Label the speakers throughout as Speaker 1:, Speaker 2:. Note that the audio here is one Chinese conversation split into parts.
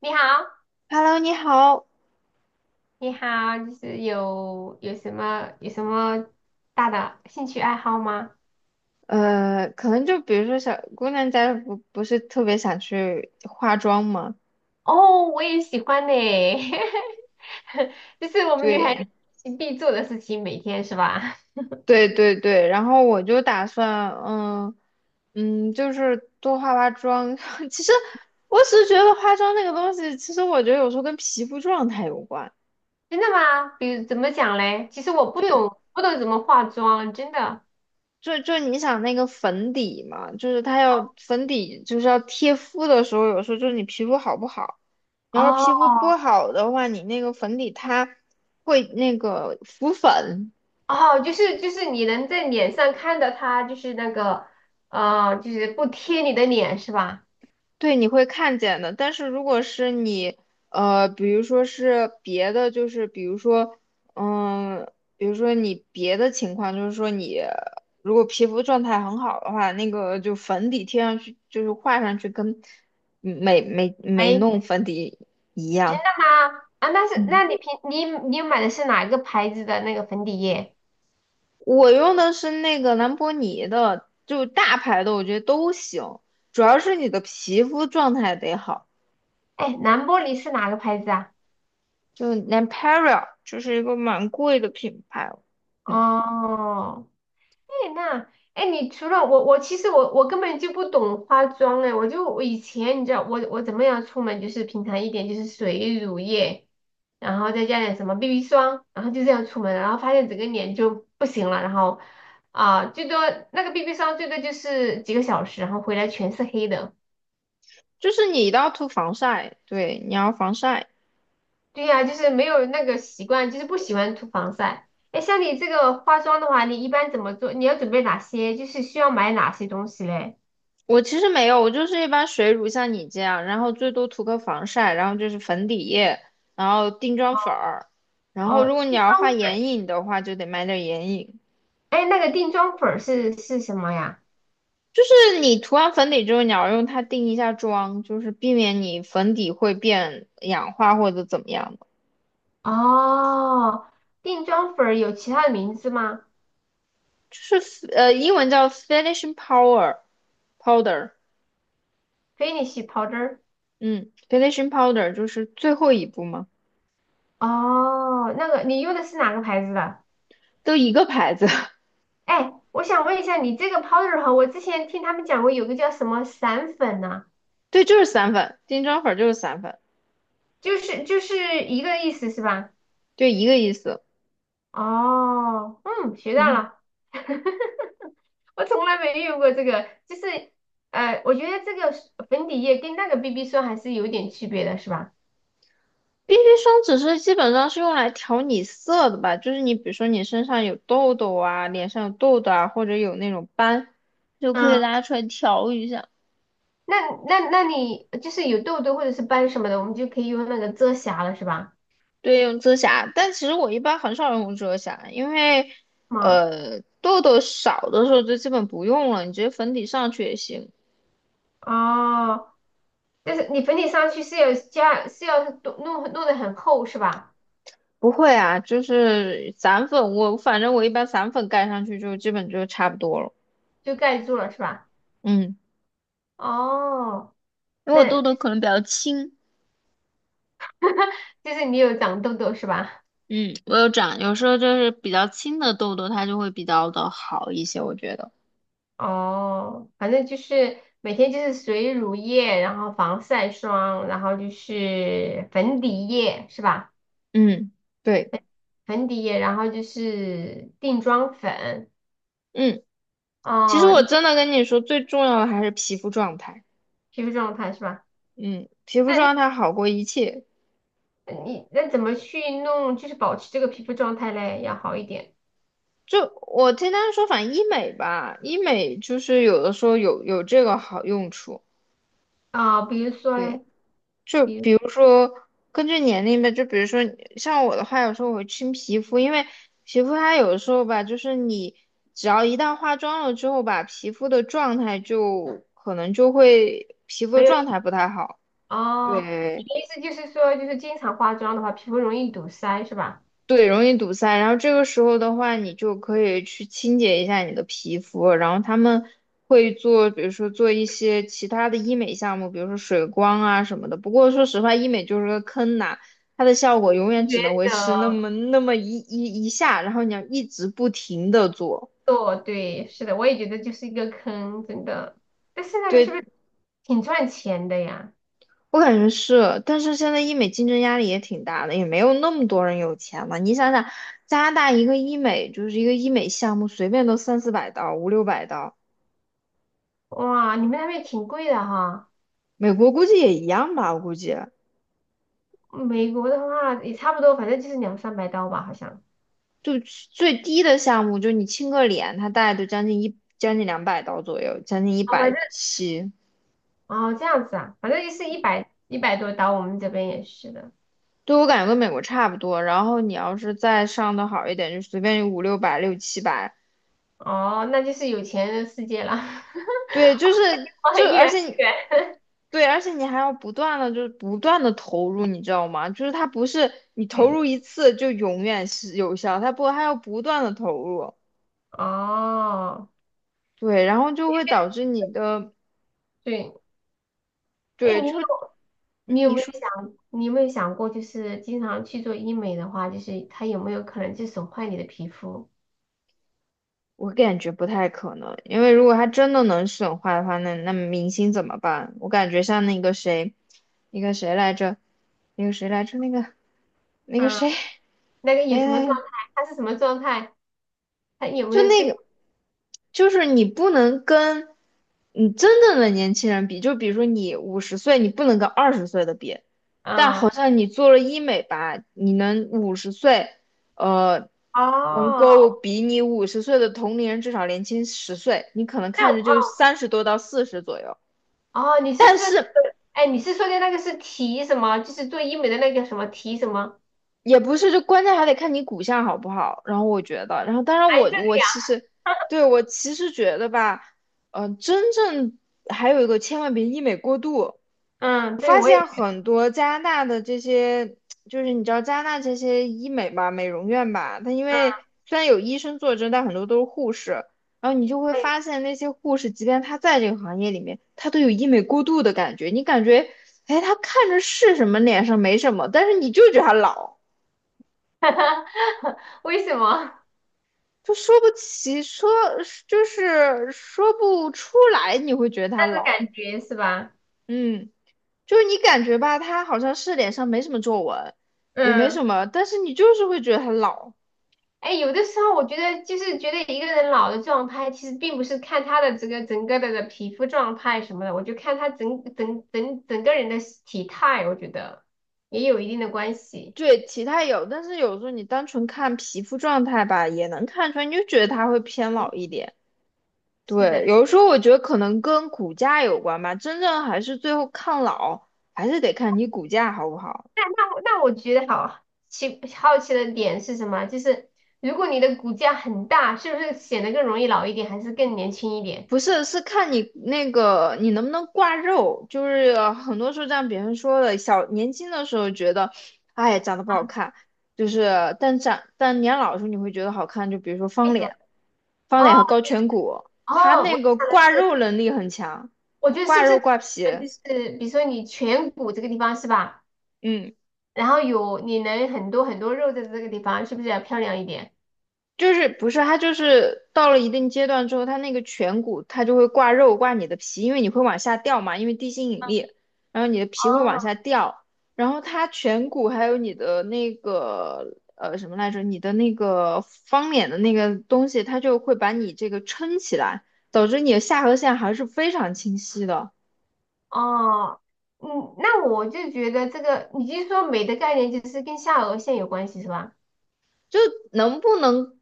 Speaker 1: 你好，
Speaker 2: Hello，你好。
Speaker 1: 你好，就是有什么大的兴趣爱好吗？
Speaker 2: 可能就比如说小姑娘家不是特别想去化妆嘛，
Speaker 1: 哦，我也喜欢呢，就是我们女孩
Speaker 2: 对
Speaker 1: 子必做的事情，每天是吧？
Speaker 2: 对对对，然后我就打算，就是多化化妆。其实我只是觉得化妆那个东西，其实我觉得有时候跟皮肤状态有关。
Speaker 1: 真的吗？比如怎么讲嘞？其实我不
Speaker 2: 就。
Speaker 1: 懂，不懂怎么化妆，真的。
Speaker 2: 就你想那个粉底嘛，就是它要粉底，就是要贴肤的时候，有时候就是你皮肤好不好，你要是
Speaker 1: 哦
Speaker 2: 皮肤不好的话，你那个粉底它会那个浮粉，
Speaker 1: 哦，就是你能在脸上看到它，就是那个就是不贴你的脸是吧？
Speaker 2: 对，你会看见的。但是如果是你，比如说是别的，就是比如说，嗯，比如说你别的情况，就是说你如果皮肤状态很好的话，那个就粉底贴上去，就是画上去跟没
Speaker 1: 哎，
Speaker 2: 弄粉底一
Speaker 1: 真
Speaker 2: 样。
Speaker 1: 的吗？啊，那是，那
Speaker 2: 嗯，
Speaker 1: 你平你你买的是哪一个牌子的那个粉底液？
Speaker 2: 我用的是那个兰博尼的，就大牌的，我觉得都行，主要是你的皮肤状态得好。
Speaker 1: 哎，蓝玻璃是哪个牌子啊？
Speaker 2: 就 n a p e r a 就是一个蛮贵的品牌哦，嗯，
Speaker 1: 哦，哎，那你除了我，我其实我根本就不懂化妆哎，我以前你知道我怎么样出门就是平常一点就是水乳液，然后再加点什么 BB 霜，然后就这样出门了，然后发现整个脸就不行了，然后啊、那个 BB 霜最多就是几个小时，然后回来全是黑的。
Speaker 2: 就是你一定要涂防晒，对，你要防晒。
Speaker 1: 对呀，就是没有那个习惯，就是不喜欢涂防晒。哎，像你这个化妆的话，你一般怎么做？你要准备哪些？就是需要买哪些东西嘞？
Speaker 2: 我其实没有，我就是一般水乳像你这样，然后最多涂个防晒，然后就是粉底液，然后定妆
Speaker 1: 哦，
Speaker 2: 粉儿，然后如
Speaker 1: 哦，
Speaker 2: 果你
Speaker 1: 定
Speaker 2: 要
Speaker 1: 妆
Speaker 2: 画眼
Speaker 1: 粉。
Speaker 2: 影的话，就得买点眼影。
Speaker 1: 哎，那个定妆粉儿是什么呀？
Speaker 2: 就是你涂完粉底之后，你要用它定一下妆，就是避免你粉底会变氧化或者怎么样的。
Speaker 1: 哦，定妆粉儿有其他的名字吗
Speaker 2: 就是英文叫 finishing powder。
Speaker 1: ？Finish powder。
Speaker 2: 嗯，finishing powder 就是最后一步吗？
Speaker 1: 哦，那个你用的是哪个牌子的？
Speaker 2: 都一个牌子，
Speaker 1: 哎，我想问一下，你这个 powder 哈，我之前听他们讲过有个叫什么散粉呢、
Speaker 2: 对，就是散粉，定妆粉就是散粉，
Speaker 1: 就是一个意思是吧？
Speaker 2: 就一个意思。
Speaker 1: 哦，嗯，学到
Speaker 2: 嗯
Speaker 1: 了，我从来没用过这个，就是我觉得这个是粉底液跟那个 BB 霜还是有点区别的，是吧？
Speaker 2: ，BB 霜只是基本上是用来调你色的吧，就是你比如说你身上有痘痘啊，脸上有痘痘啊，或者有那种斑，就可以
Speaker 1: 嗯，
Speaker 2: 拉出来调一下。
Speaker 1: 那那你就是有痘痘或者是斑什么的，我们就可以用那个遮瑕了，是吧？
Speaker 2: 对，用遮瑕，但其实我一般很少用遮瑕，因为
Speaker 1: 吗？
Speaker 2: 痘痘少的时候就基本不用了，你直接粉底上去也行。
Speaker 1: 哦，但是你粉底上去是要加是要弄得很厚是吧？
Speaker 2: 不会啊，就是散粉，我反正我一般散粉盖上去就基本就差不多了。
Speaker 1: 就盖住了是吧？
Speaker 2: 嗯，
Speaker 1: 哦，
Speaker 2: 因为我痘
Speaker 1: 那
Speaker 2: 痘可能比较轻，
Speaker 1: 就是你有长痘痘是吧？
Speaker 2: 嗯，我有长，有时候就是比较轻的痘痘，它就会比较的好一些，我觉得。
Speaker 1: 哦，反正就是每天就是水乳液，然后防晒霜，然后就是粉底液是吧？
Speaker 2: 嗯。对。
Speaker 1: 粉底液，然后就是定妆粉，
Speaker 2: 嗯，其实
Speaker 1: 哦，
Speaker 2: 我真的跟你说，最重要的还是皮肤状态。
Speaker 1: 皮肤状态是吧？
Speaker 2: 嗯，皮肤
Speaker 1: 那你
Speaker 2: 状态好过一切。
Speaker 1: 那怎么去弄，就是保持这个皮肤状态嘞，要好一点
Speaker 2: 就我听他们说，反正医美吧，医美就是有的时候有这个好用处。
Speaker 1: 啊，比如说
Speaker 2: 对。
Speaker 1: 嘞，
Speaker 2: 就
Speaker 1: 比如
Speaker 2: 比如说根据年龄吧，就比如说像我的话，有时候我会清皮肤，因为皮肤它有的时候吧，就是你只要一旦化妆了之后吧，皮肤的状态就可能就会皮肤的
Speaker 1: 没有
Speaker 2: 状态不太好。
Speaker 1: 哦，你
Speaker 2: 对，
Speaker 1: 的意思就是说，就是经常化妆的话，皮肤容易堵塞是吧？
Speaker 2: 对，容易堵塞。然后这个时候的话，你就可以去清洁一下你的皮肤。然后他们会做，比如说做一些其他的医美项目，比如说水光啊什么的。不过说实话，医美就是个坑呐，它的效果永远
Speaker 1: 觉
Speaker 2: 只能维持那
Speaker 1: 得。
Speaker 2: 么那么一下，然后你要一直不停的做。
Speaker 1: 做，对，是的，我也觉得就是一个坑，真的。但是那个是不是
Speaker 2: 对，
Speaker 1: 挺赚钱的呀？
Speaker 2: 我感觉是，但是现在医美竞争压力也挺大的，也没有那么多人有钱了。你想想，加拿大一个医美就是一个医美项目，随便都三四百刀，五六百刀。
Speaker 1: 哇，你们那边挺贵的哈。
Speaker 2: 美国估计也一样吧，我估计
Speaker 1: 美国的话也差不多，反正就是两三百刀吧，好像。
Speaker 2: 就最低的项目，就你亲个脸，它大概就将近两百刀左右，将近一
Speaker 1: 哦，反
Speaker 2: 百
Speaker 1: 正
Speaker 2: 七。
Speaker 1: 哦这样子啊，反正就是一百多刀，我们这边也是的。
Speaker 2: 对，我感觉跟美国差不多。然后你要是再上的好一点，就随便有五六百、六七百。
Speaker 1: 哦，那就是有钱人的世界了，
Speaker 2: 对，就是
Speaker 1: 我
Speaker 2: 就
Speaker 1: 很远
Speaker 2: 而且你
Speaker 1: 很远。
Speaker 2: 对，而且你还要不断的就是不断的投入，你知道吗？就是它不是 你投入
Speaker 1: 对，
Speaker 2: 一次就永远是有效，它不还要不断的投入。
Speaker 1: 哦，
Speaker 2: 对，然后就会导致你的
Speaker 1: 对，哎，
Speaker 2: 对，就你说。
Speaker 1: 你有没有想过，就是经常去做医美的话，就是它有没有可能就损坏你的皮肤？
Speaker 2: 我感觉不太可能，因为如果他真的能损坏的话，那明星怎么办？我感觉像那个谁，那个谁来着，那个谁来着，那个
Speaker 1: 啊，
Speaker 2: 谁，
Speaker 1: 那个有什么状
Speaker 2: 哎，
Speaker 1: 态？它是什么状态？它有没
Speaker 2: 就
Speaker 1: 有
Speaker 2: 那
Speaker 1: 这？
Speaker 2: 个，就是你不能跟你真正的年轻人比，就比如说你五十岁，你不能跟二十岁的比，但好
Speaker 1: 嗯，
Speaker 2: 像你做了医美吧，你能五十岁，呃，能
Speaker 1: 哦，
Speaker 2: 够比你五十岁的同龄人至少年轻十岁，你可能
Speaker 1: 那
Speaker 2: 看着就
Speaker 1: 哦
Speaker 2: 三十多到四十左右，
Speaker 1: 哦，你是
Speaker 2: 但
Speaker 1: 说，
Speaker 2: 是。
Speaker 1: 哎，你是说的那个是提什么？就是做医美的那个什么提什么？
Speaker 2: 也不是，就关键还得看你骨相好不好。然后我觉得，然后当然
Speaker 1: 哎，
Speaker 2: 我
Speaker 1: 这
Speaker 2: 我
Speaker 1: 个
Speaker 2: 其实
Speaker 1: 呀，
Speaker 2: 对， 我其实觉得吧，真正还有一个千万别医美过度。
Speaker 1: 嗯，
Speaker 2: 我
Speaker 1: 对，
Speaker 2: 发
Speaker 1: 我
Speaker 2: 现
Speaker 1: 也，
Speaker 2: 很多加拿大的这些，就是你知道加拿大这些医美吧，美容院吧，它因
Speaker 1: 嗯，
Speaker 2: 为虽然有医生坐镇，但很多都是护士。然后你就会
Speaker 1: 对，
Speaker 2: 发现那些护士，即便他在这个行业里面，他都有医美过度的感觉。你感觉，哎，他看着是什么脸上没什么，但是你就觉得他老。
Speaker 1: 为什么？
Speaker 2: 就说不起，说就是说不出来，你会觉得他
Speaker 1: 那个
Speaker 2: 老，
Speaker 1: 感觉是吧？
Speaker 2: 嗯，就是你感觉吧，他好像是脸上没什么皱纹，也没
Speaker 1: 嗯。
Speaker 2: 什么，但是你就是会觉得他老。
Speaker 1: 哎，有的时候我觉得就是觉得一个人老的状态，其实并不是看他的这个整个的皮肤状态什么的，我就看他整个人的体态，我觉得也有一定的关系。
Speaker 2: 对，体态有，但是有时候你单纯看皮肤状态吧，也能看出来，你就觉得他会偏老一点。
Speaker 1: 是的，
Speaker 2: 对，有的时候我觉得可能跟骨架有关吧，真正还是最后抗老，还是得看你骨架好不好。
Speaker 1: 那我觉得好奇的点是什么？就是如果你的骨架很大，是不是显得更容易老一点，还是更年轻一点？
Speaker 2: 不是，是看你那个你能不能挂肉，就是很多时候像别人说的，小年轻的时候觉得，哎，长得不
Speaker 1: 啊？
Speaker 2: 好看，就是但长但年老的时候你会觉得好看，就比如说
Speaker 1: 为
Speaker 2: 方
Speaker 1: 什么？
Speaker 2: 脸，方
Speaker 1: 哦
Speaker 2: 脸和高颧骨，
Speaker 1: 哦，
Speaker 2: 他那
Speaker 1: 我
Speaker 2: 个
Speaker 1: 想的
Speaker 2: 挂
Speaker 1: 是，
Speaker 2: 肉能力很强，
Speaker 1: 我觉得是
Speaker 2: 挂
Speaker 1: 不
Speaker 2: 肉
Speaker 1: 是
Speaker 2: 挂皮，
Speaker 1: 就是比如说你颧骨这个地方是吧？
Speaker 2: 嗯，
Speaker 1: 然后有你能很多很多肉在这个地方，是不是要漂亮一点？
Speaker 2: 就是不是它就是到了一定阶段之后，它那个颧骨它就会挂肉挂你的皮，因为你会往下掉嘛，因为地心引力，然后你的皮会往
Speaker 1: 哦，
Speaker 2: 下掉，然后它颧骨还有你的那个什么来着，你的那个方脸的那个东西，它就会把你这个撑起来，导致你的下颌线还是非常清晰的。
Speaker 1: 哦，嗯，那我就觉得这个，你就说美的概念就是跟下颚线有关系是吧？
Speaker 2: 就能不能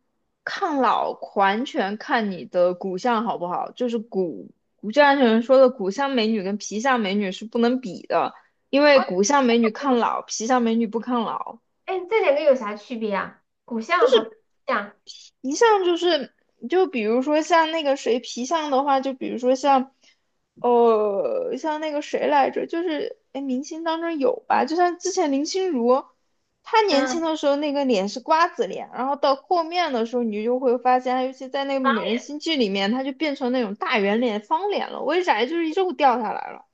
Speaker 2: 抗老，完全看你的骨相好不好。就是骨骨质安全人说的，骨相美女跟皮相美女是不能比的，因为
Speaker 1: 哦，
Speaker 2: 骨相美女抗老，皮相美女不抗老。
Speaker 1: 哎，这两个有啥区别啊？骨相和背相，
Speaker 2: 一项就是，就比如说像那个谁皮相的话，就比如说像，像那个谁来着，就是哎，诶明星当中有吧，就像之前林心如，她年轻
Speaker 1: 嗯，
Speaker 2: 的时候那个脸是瓜子脸，然后到后面的时候，你就会发现，她尤其在那个《美人心计》里面，她就变成那种大圆脸、方脸了，为啥？就是肉掉下来了，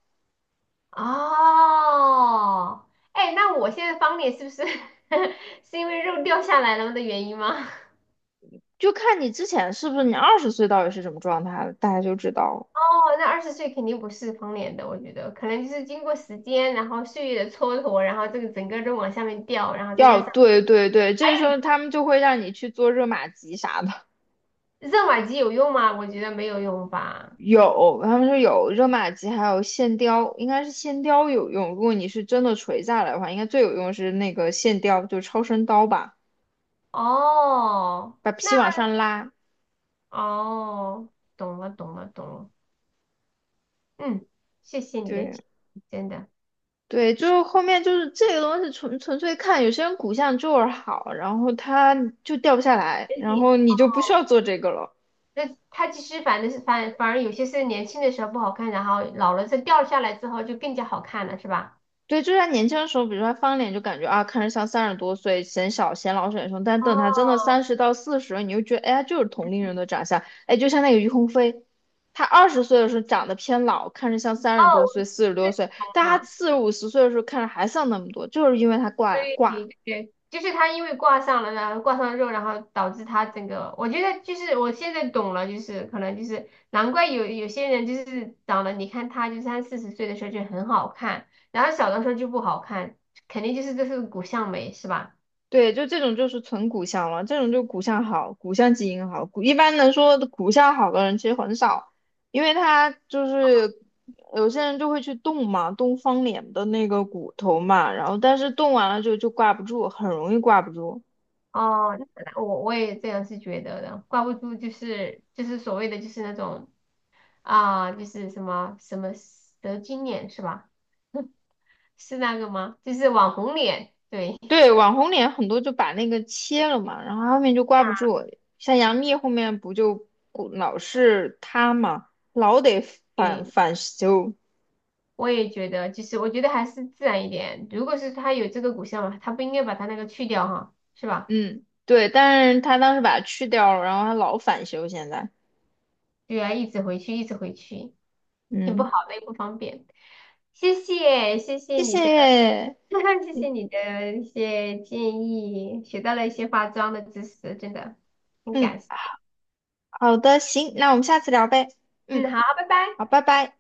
Speaker 1: 哦，哎，那我现在方脸是不是 是因为肉掉下来了的原因吗？
Speaker 2: 就看你之前是不是你二十岁到底是什么状态了，大家就知道了。
Speaker 1: 哦，那20岁肯定不是方脸的，我觉得可能就是经过时间，然后岁月的蹉跎，然后这个整个都往下面掉，然后再加上。
Speaker 2: 对对对，这时候他们就会让你去做热玛吉啥的。
Speaker 1: 热玛吉有用吗？我觉得没有用吧。
Speaker 2: 有，他们说有热玛吉，还有线雕，应该是线雕有用。如果你是真的垂下来的话，应该最有用是那个线雕，就超声刀吧，
Speaker 1: 哦，
Speaker 2: 把
Speaker 1: 那
Speaker 2: 皮往上拉。
Speaker 1: 哦，懂了，懂了，懂了。嗯，谢谢你的
Speaker 2: 对
Speaker 1: 建议，真的。
Speaker 2: 对，就是后面就是这个东西纯粹看，有些人骨相就是好，然后他就掉不下来，
Speaker 1: 人
Speaker 2: 然
Speaker 1: 体，
Speaker 2: 后你就不需要做这个了。
Speaker 1: 那它其实反而有些是年轻的时候不好看，然后老了再掉下来之后就更加好看了，是吧？
Speaker 2: 对，就是他年轻的时候，比如说他翻脸就感觉啊，看着像三十多岁，显小、显老、显凶。但
Speaker 1: 哦
Speaker 2: 等他真的三十到四十，你就觉得，哎，他就是同龄人的长相。哎，就像那个于鸿飞，他二十岁的时候长得偏老，看着像三
Speaker 1: 哦，
Speaker 2: 十多岁、四十
Speaker 1: 这
Speaker 2: 多岁，但
Speaker 1: 种
Speaker 2: 他
Speaker 1: 啊。
Speaker 2: 四十五十岁的时候看着还像那么多，就是因为他挂
Speaker 1: 对
Speaker 2: 挂
Speaker 1: 对，就是他因为挂上了，然后挂上肉，然后导致他整个，我觉得就是我现在懂了，就是可能就是难怪有些人就是长得，你看他就三四十岁的时候就很好看，然后小的时候就不好看，肯定就是这是骨相美是吧？
Speaker 2: 对，就这种就是纯骨相了，这种就骨相好，骨相基因好。骨一般能说骨相好的人其实很少，因为他就是有些人就会去动嘛，动方脸的那个骨头嘛，然后但是动完了就挂不住，很容易挂不住。
Speaker 1: 哦，那我也这样是觉得的，挂不住就是所谓的就是那种啊，就是什么什么蛇精脸是吧？是那个吗？就是网红脸，对，
Speaker 2: 对，网红脸很多就把那个切了嘛，然后后面就挂不住。像杨幂后面不就骨老是塌嘛，老得反 反修。
Speaker 1: 我也觉得，就是我觉得还是自然一点。如果是他有这个骨相嘛，他不应该把他那个去掉哈，是吧？
Speaker 2: 嗯，对，但是他当时把它去掉了，然后他老返修现在。
Speaker 1: 对啊，一直回去，一直回去，挺不好
Speaker 2: 嗯，
Speaker 1: 的，也不方便。谢谢，谢谢
Speaker 2: 谢
Speaker 1: 你的，
Speaker 2: 谢。
Speaker 1: 谢谢你的一些建议，学到了一些化妆的知识，真的很
Speaker 2: 嗯，
Speaker 1: 感谢。
Speaker 2: 好的，行，那我们下次聊呗。嗯，
Speaker 1: 嗯，好，拜拜。
Speaker 2: 好，拜拜。